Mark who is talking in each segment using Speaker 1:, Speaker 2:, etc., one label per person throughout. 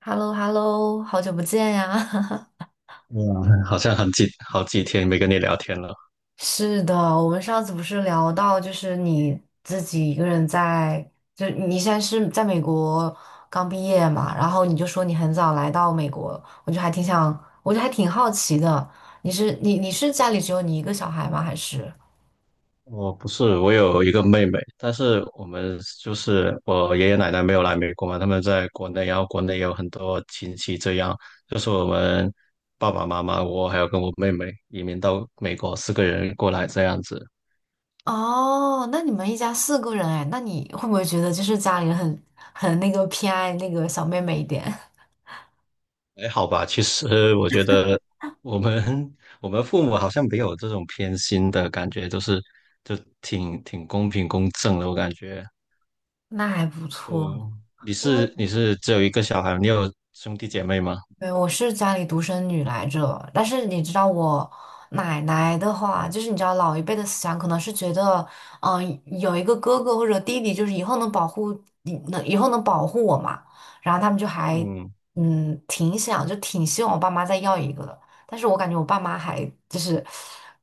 Speaker 1: h e l l o h e l l o 好久不见呀！
Speaker 2: 嗯，好像好几天没跟你聊天了。
Speaker 1: 是的，我们上次不是聊到，就是你自己一个人在，就你现在是在美国刚毕业嘛，然后你就说你很早来到美国，我就还挺想，我就还挺好奇的，你是家里只有你一个小孩吗？还是？
Speaker 2: 我不是，我有一个妹妹，但是我们就是我爷爷奶奶没有来美国嘛，他们在国内，然后国内也有很多亲戚，这样就是我们爸爸妈妈，我还有跟我妹妹移民到美国，四个人过来这样子，
Speaker 1: 哦，那你们一家四个人哎，那你会不会觉得就是家里人很那个偏爱那个小妹妹一点？
Speaker 2: 还好吧。其实我觉得我们 我们父母好像没有这种偏心的感觉，就是就挺公平公正的，我感觉。
Speaker 1: 那还不
Speaker 2: 对，
Speaker 1: 错。
Speaker 2: 你是只有一个小孩，你有兄弟姐妹吗？
Speaker 1: 对，我是家里独生女来着，但是你知道我奶奶的话，就是你知道老一辈的思想可能是觉得，嗯、有一个哥哥或者弟弟，就是以后能保护，能以后能保护我嘛，然后他们就还
Speaker 2: 嗯
Speaker 1: 嗯挺想，就挺希望我爸妈再要一个的，但是我感觉我爸妈还就是，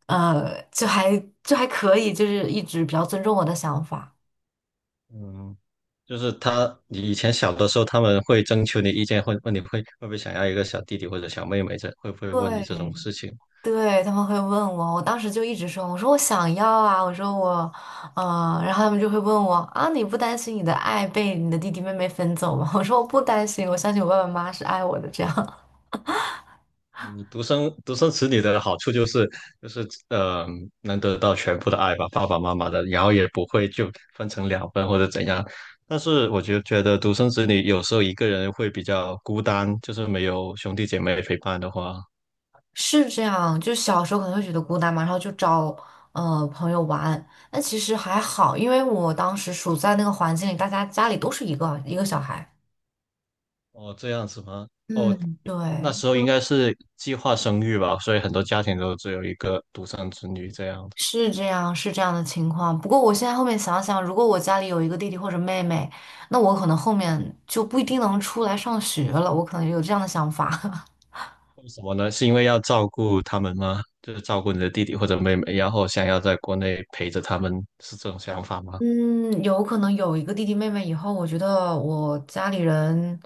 Speaker 1: 就还就还可以，就是一直比较尊重我的想法。
Speaker 2: 嗯，就是他，你以前小的时候，他们会征求你意见，会问你会不会想要一个小弟弟或者小妹妹，这会不会问你
Speaker 1: 对，
Speaker 2: 这种事情？
Speaker 1: 对，他们会问我，我当时就一直说，我说我想要啊，我说我，然后他们就会问我啊，你不担心你的爱被你的弟弟妹妹分走吗？我说我不担心，我相信我爸爸妈妈是爱我的，这样。
Speaker 2: 嗯，独生子女的好处就是就是呃，能得到全部的爱吧，爸爸妈妈的，然后也不会就分成两份或者怎样。但是我就觉得独生子女有时候一个人会比较孤单，就是没有兄弟姐妹陪伴的话。
Speaker 1: 是这样。就小时候可能会觉得孤单嘛，然后就找朋友玩，但其实还好，因为我当时处在那个环境里，大家家里都是一个一个小孩，
Speaker 2: 哦，这样子吗？哦，
Speaker 1: 嗯，
Speaker 2: 那
Speaker 1: 对。
Speaker 2: 时候应该是计划生育吧，所以很多家庭都只有一个独生子女这样的。
Speaker 1: 是这样，是这样的情况。不过我现在后面想想，如果我家里有一个弟弟或者妹妹，那我可能后面就不一定能出来上学了。我可能有这样的想法。
Speaker 2: 为什么呢？是因为要照顾他们吗？就是照顾你的弟弟或者妹妹，然后想要在国内陪着他们，是这种想法吗？
Speaker 1: 嗯，有可能有一个弟弟妹妹以后，我觉得我家里人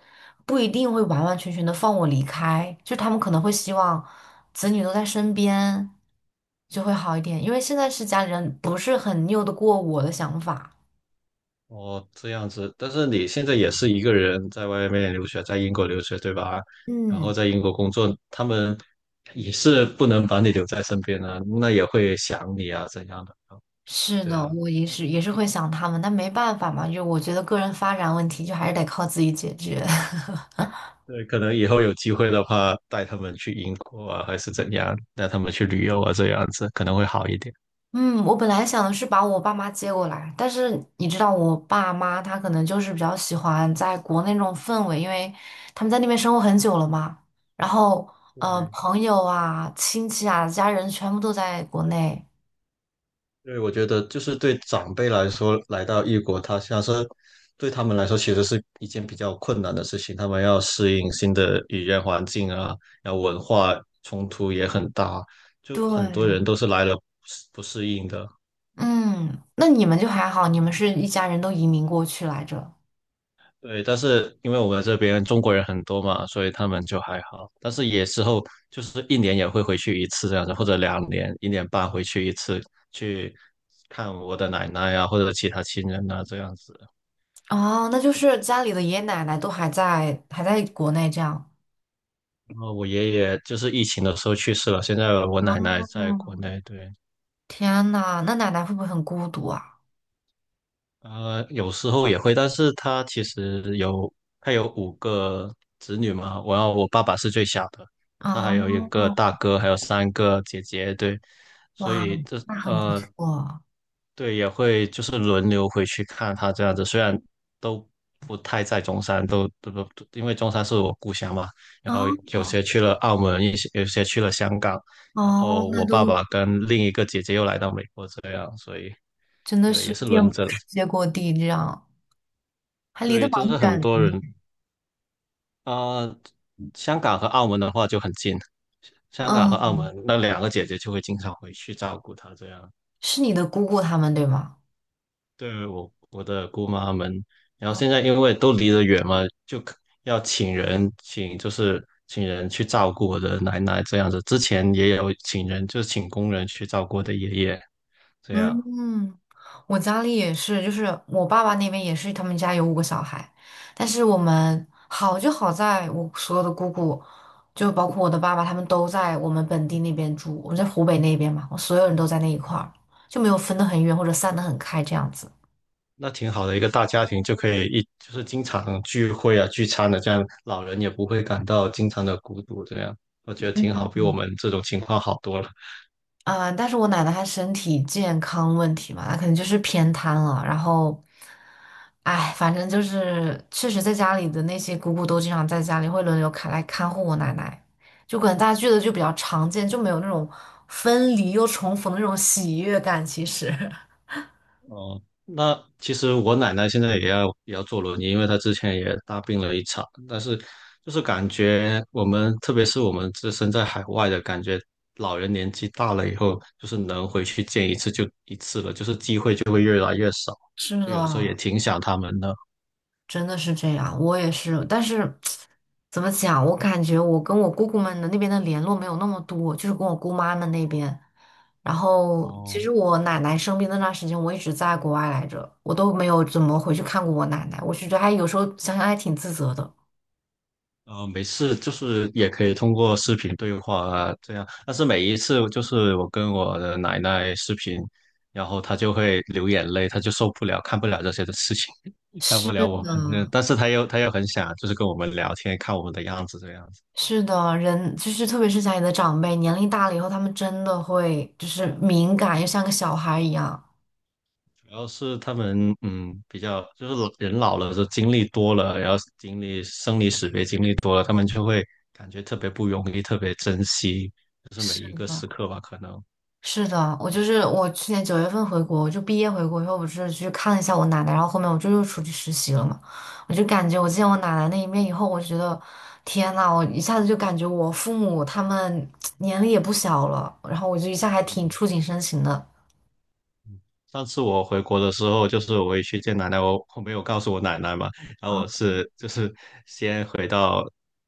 Speaker 1: 不一定会完完全全的放我离开，就他们可能会希望子女都在身边，就会好一点。因为现在是家里人不是很拗得过我的想法。
Speaker 2: 哦，这样子。但是你现在也是一个人在外面留学，在英国留学，对吧？然
Speaker 1: 嗯。
Speaker 2: 后在英国工作，他们也是不能把你留在身边的，那也会想你啊，怎样的？
Speaker 1: 是
Speaker 2: 对
Speaker 1: 的，
Speaker 2: 啊。
Speaker 1: 我也是会想他们，但没办法嘛，就我觉得个人发展问题就还是得靠自己解决。
Speaker 2: 对，可能以后有机会的话，带他们去英国啊，还是怎样，带他们去旅游啊，这样子可能会好一点。
Speaker 1: 嗯，我本来想的是把我爸妈接过来，但是你知道，我爸妈他可能就是比较喜欢在国内那种氛围，因为他们在那边生活很久了嘛。然后，
Speaker 2: 对，
Speaker 1: 朋友啊、亲戚啊、家人全部都在国内。
Speaker 2: 对，我觉得就是对长辈来说，来到异国他乡是对他们来说其实是一件比较困难的事情，他们要适应新的语言环境啊，然后文化冲突也很大，就很多
Speaker 1: 对，
Speaker 2: 人都是来了不适应的。
Speaker 1: 嗯，那你们就还好，你们是一家人都移民过去来着。
Speaker 2: 对，但是因为我们这边中国人很多嘛，所以他们就还好。但是也之后就是一年也会回去一次这样子，或者两年、一年半回去一次，去看我的奶奶啊，或者其他亲人啊这样子。
Speaker 1: 哦，那就是家里的爷爷奶奶都还在国内这样。
Speaker 2: 然后我爷爷就是疫情的时候去世了，现在我奶奶在国
Speaker 1: 嗯，
Speaker 2: 内。对，
Speaker 1: 天呐，那奶奶会不会很孤独啊？
Speaker 2: 呃，有时候也会，但是他其实有，他有五个子女嘛，我爸爸是最小的，他还有
Speaker 1: 哦，
Speaker 2: 一个大哥，还有三个姐姐，对，所
Speaker 1: 哇，
Speaker 2: 以这
Speaker 1: 那很不
Speaker 2: 呃，
Speaker 1: 错。
Speaker 2: 对，也会就是轮流回去看他这样子，虽然都不太在中山，都都都，因为中山是我故乡嘛，然后
Speaker 1: 哦
Speaker 2: 有些去了澳门，有些去了香港，然
Speaker 1: 哦，
Speaker 2: 后
Speaker 1: 那
Speaker 2: 我爸
Speaker 1: 都
Speaker 2: 爸跟另一个姐姐又来到美国这样，所以
Speaker 1: 真的
Speaker 2: 对，
Speaker 1: 是
Speaker 2: 也是
Speaker 1: 遍
Speaker 2: 轮
Speaker 1: 布
Speaker 2: 着。
Speaker 1: 世界各地，这样还离得
Speaker 2: 对，
Speaker 1: 蛮
Speaker 2: 就是很
Speaker 1: 远的。
Speaker 2: 多人啊、呃香港和澳门的话就很近，香港和澳
Speaker 1: 嗯，
Speaker 2: 门那两个姐姐就会经常回去照顾她，这样
Speaker 1: 是你的姑姑他们对吗？
Speaker 2: 对我的姑妈们。然后现在因为都离得远嘛，就是请人去照顾我的奶奶这样子。之前也有请人，就是请工人去照顾我的爷爷这样。
Speaker 1: 嗯，我家里也是，就是我爸爸那边也是，他们家有5个小孩，但是我们好就好在我所有的姑姑，就包括我的爸爸，他们都在我们本地那边住，我们在湖北那边嘛，我所有人都在那一块儿，就没有分得很远或者散得很开这样子。
Speaker 2: 那挺好的一个大家庭，就可以一就是经常聚会啊、聚餐的，这样老人也不会感到经常的孤独，这样我觉得挺好，比我们这种情况好多了。
Speaker 1: 嗯，但是我奶奶她身体健康问题嘛，她可能就是偏瘫了。然后，哎，反正就是确实在家里的那些姑姑都经常在家里会轮流看护我奶奶，就可能大家聚的就比较常见，就没有那种分离又重逢的那种喜悦感。其实。
Speaker 2: 哦，那其实我奶奶现在也要坐轮椅，因为她之前也大病了一场，但是就是感觉我们，特别是我们自身在海外的感觉，老人年纪大了以后，就是能回去见一次就一次了，就是机会就会越来越少，
Speaker 1: 是
Speaker 2: 就有时候也
Speaker 1: 的，
Speaker 2: 挺想他们的。
Speaker 1: 真的是这样，我也是，但是怎么讲，我感觉我跟我姑姑们的那边的联络没有那么多，就是跟我姑妈们那边。然后，其
Speaker 2: 哦。
Speaker 1: 实我奶奶生病那段时间，我一直在国外来着，我都没有怎么回去看过我奶奶。我是觉得有时候想想还挺自责的。
Speaker 2: 呃，没事，就是也可以通过视频对话啊，这样。但是每一次就是我跟我的奶奶视频，然后她就会流眼泪，她就受不了，看不了这些的事情，看
Speaker 1: 是
Speaker 2: 不了我
Speaker 1: 的，
Speaker 2: 们。但是她又很想就是跟我们聊天，看我们的样子这样子。
Speaker 1: 是的，人就是特别是家里的长辈，年龄大了以后，他们真的会就是敏感，又像个小孩一样。
Speaker 2: 主要是他们比较就是老人老了，就经历多了，然后经历生离死别经历多了，他们就会感觉特别不容易，特别珍惜，就是每
Speaker 1: 是
Speaker 2: 一个
Speaker 1: 的。
Speaker 2: 时刻吧，可能。
Speaker 1: 是的，我就是我去年9月份回国，我就毕业回国以后，我是去看了一下我奶奶，然后后面我就又出去实习了嘛。我就感觉我见我奶奶那一面以后，我觉得天呐，我一下子就感觉我父母他们 年龄也不小了，然后我就一下还挺
Speaker 2: 嗯。
Speaker 1: 触景生情的。
Speaker 2: 上次我回国的时候，就是我回去见奶奶，我没有告诉我奶奶嘛，然后
Speaker 1: 啊，
Speaker 2: 我是就是先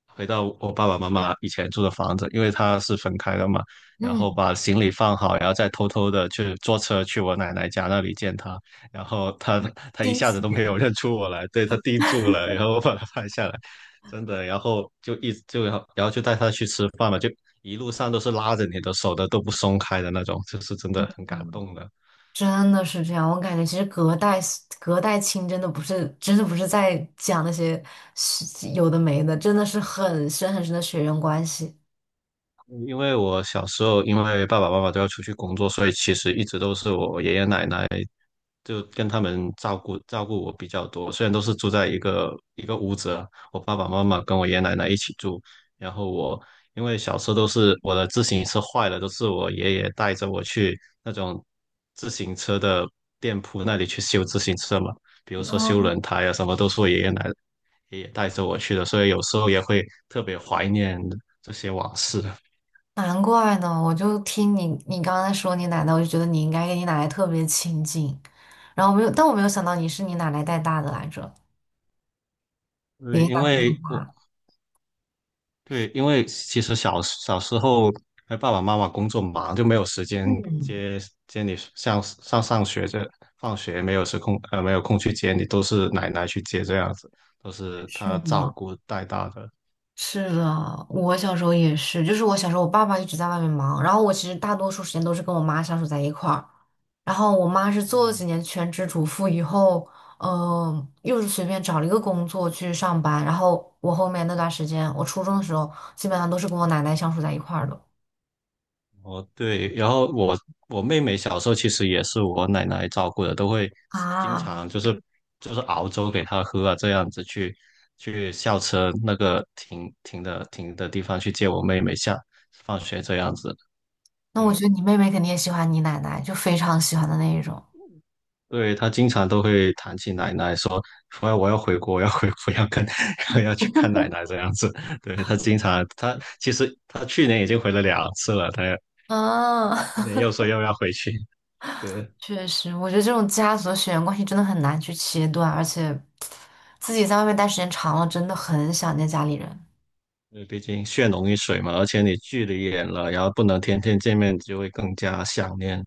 Speaker 2: 回到我爸爸妈妈以前住的房子，因为他是分开的嘛，然
Speaker 1: 嗯，
Speaker 2: 后把行李放好，然后再偷偷的去坐车去我奶奶家那里见她，然后她一
Speaker 1: 惊
Speaker 2: 下子
Speaker 1: 喜。
Speaker 2: 都没有认出我来，对她定住了，然后我把她拍下来，真的，然后就一就然后然后就带她去吃饭嘛，就一路上都是拉着你的手的，都不松开的那种，就是真的很感动的。
Speaker 1: 真的是这样，我感觉其实隔代亲真的不是在讲那些有的没的，真的是很深很深的血缘关系。
Speaker 2: 因为我小时候，因为爸爸妈妈都要出去工作，所以其实一直都是我爷爷奶奶就跟他们照顾我比较多。虽然都是住在一个屋子啊，我爸爸妈妈跟我爷爷奶奶一起住。然后我因为小时候都是我的自行车坏了，都是我爷爷带着我去那种自行车的店铺那里去修自行车嘛，比如说修轮胎啊什么，都是我爷爷奶奶爷爷带着我去的，所以有时候也会特别怀念这些往事。
Speaker 1: 难怪呢，我就听你刚才说你奶奶，我就觉得你应该跟你奶奶特别亲近，然后没有，但我没有想到你是你奶奶带大的来着，爷
Speaker 2: 对，
Speaker 1: 爷奶
Speaker 2: 因
Speaker 1: 奶带
Speaker 2: 为我
Speaker 1: 大。
Speaker 2: 对，因为其实小时候，哎，爸爸妈妈工作忙，就没有时间
Speaker 1: 嗯，
Speaker 2: 接接你上学放学没有空去接你，都是奶奶去接这样子，都是
Speaker 1: 是
Speaker 2: 她照
Speaker 1: 的，
Speaker 2: 顾带大的。
Speaker 1: 是的，我小时候也是，就是我小时候我爸爸一直在外面忙，然后我其实大多数时间都是跟我妈相处在一块儿，然后我妈是做了几
Speaker 2: 嗯
Speaker 1: 年全职主妇以后，又是随便找了一个工作去上班，然后我后面那段时间，我初中的时候基本上都是跟我奶奶相处在一块儿的。
Speaker 2: 哦，对，然后我妹妹小时候其实也是我奶奶照顾的，都会经
Speaker 1: 啊，
Speaker 2: 常就是熬粥给她喝啊，这样子去校车那个停的地方去接我妹妹放学这样子。
Speaker 1: 那我觉
Speaker 2: 对，
Speaker 1: 得你妹妹肯定也喜欢你奶奶，就非常喜欢的那一种。
Speaker 2: 对，她经常都会谈起奶奶说，我要回国，我要回国，要跟 要去看奶奶这样子。对，她经常，她其实她去年已经回了两次了，她
Speaker 1: 嗯，
Speaker 2: 今年又说又要回去。对，
Speaker 1: 确实，我觉得这种家族的血缘关系真的很难去切断，而且自己在外面待时间长了，真的很想念家里人。
Speaker 2: 因为毕竟血浓于水嘛，而且你距离远了，然后不能天天见面，就会更加想念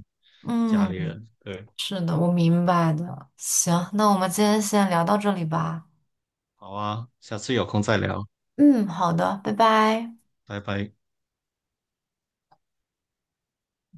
Speaker 2: 家里
Speaker 1: 嗯，
Speaker 2: 人。对，
Speaker 1: 是的，我明白的。行，那我们今天先聊到这里吧。
Speaker 2: 好啊，下次有空再聊，
Speaker 1: 嗯，好的，拜拜。
Speaker 2: 拜拜。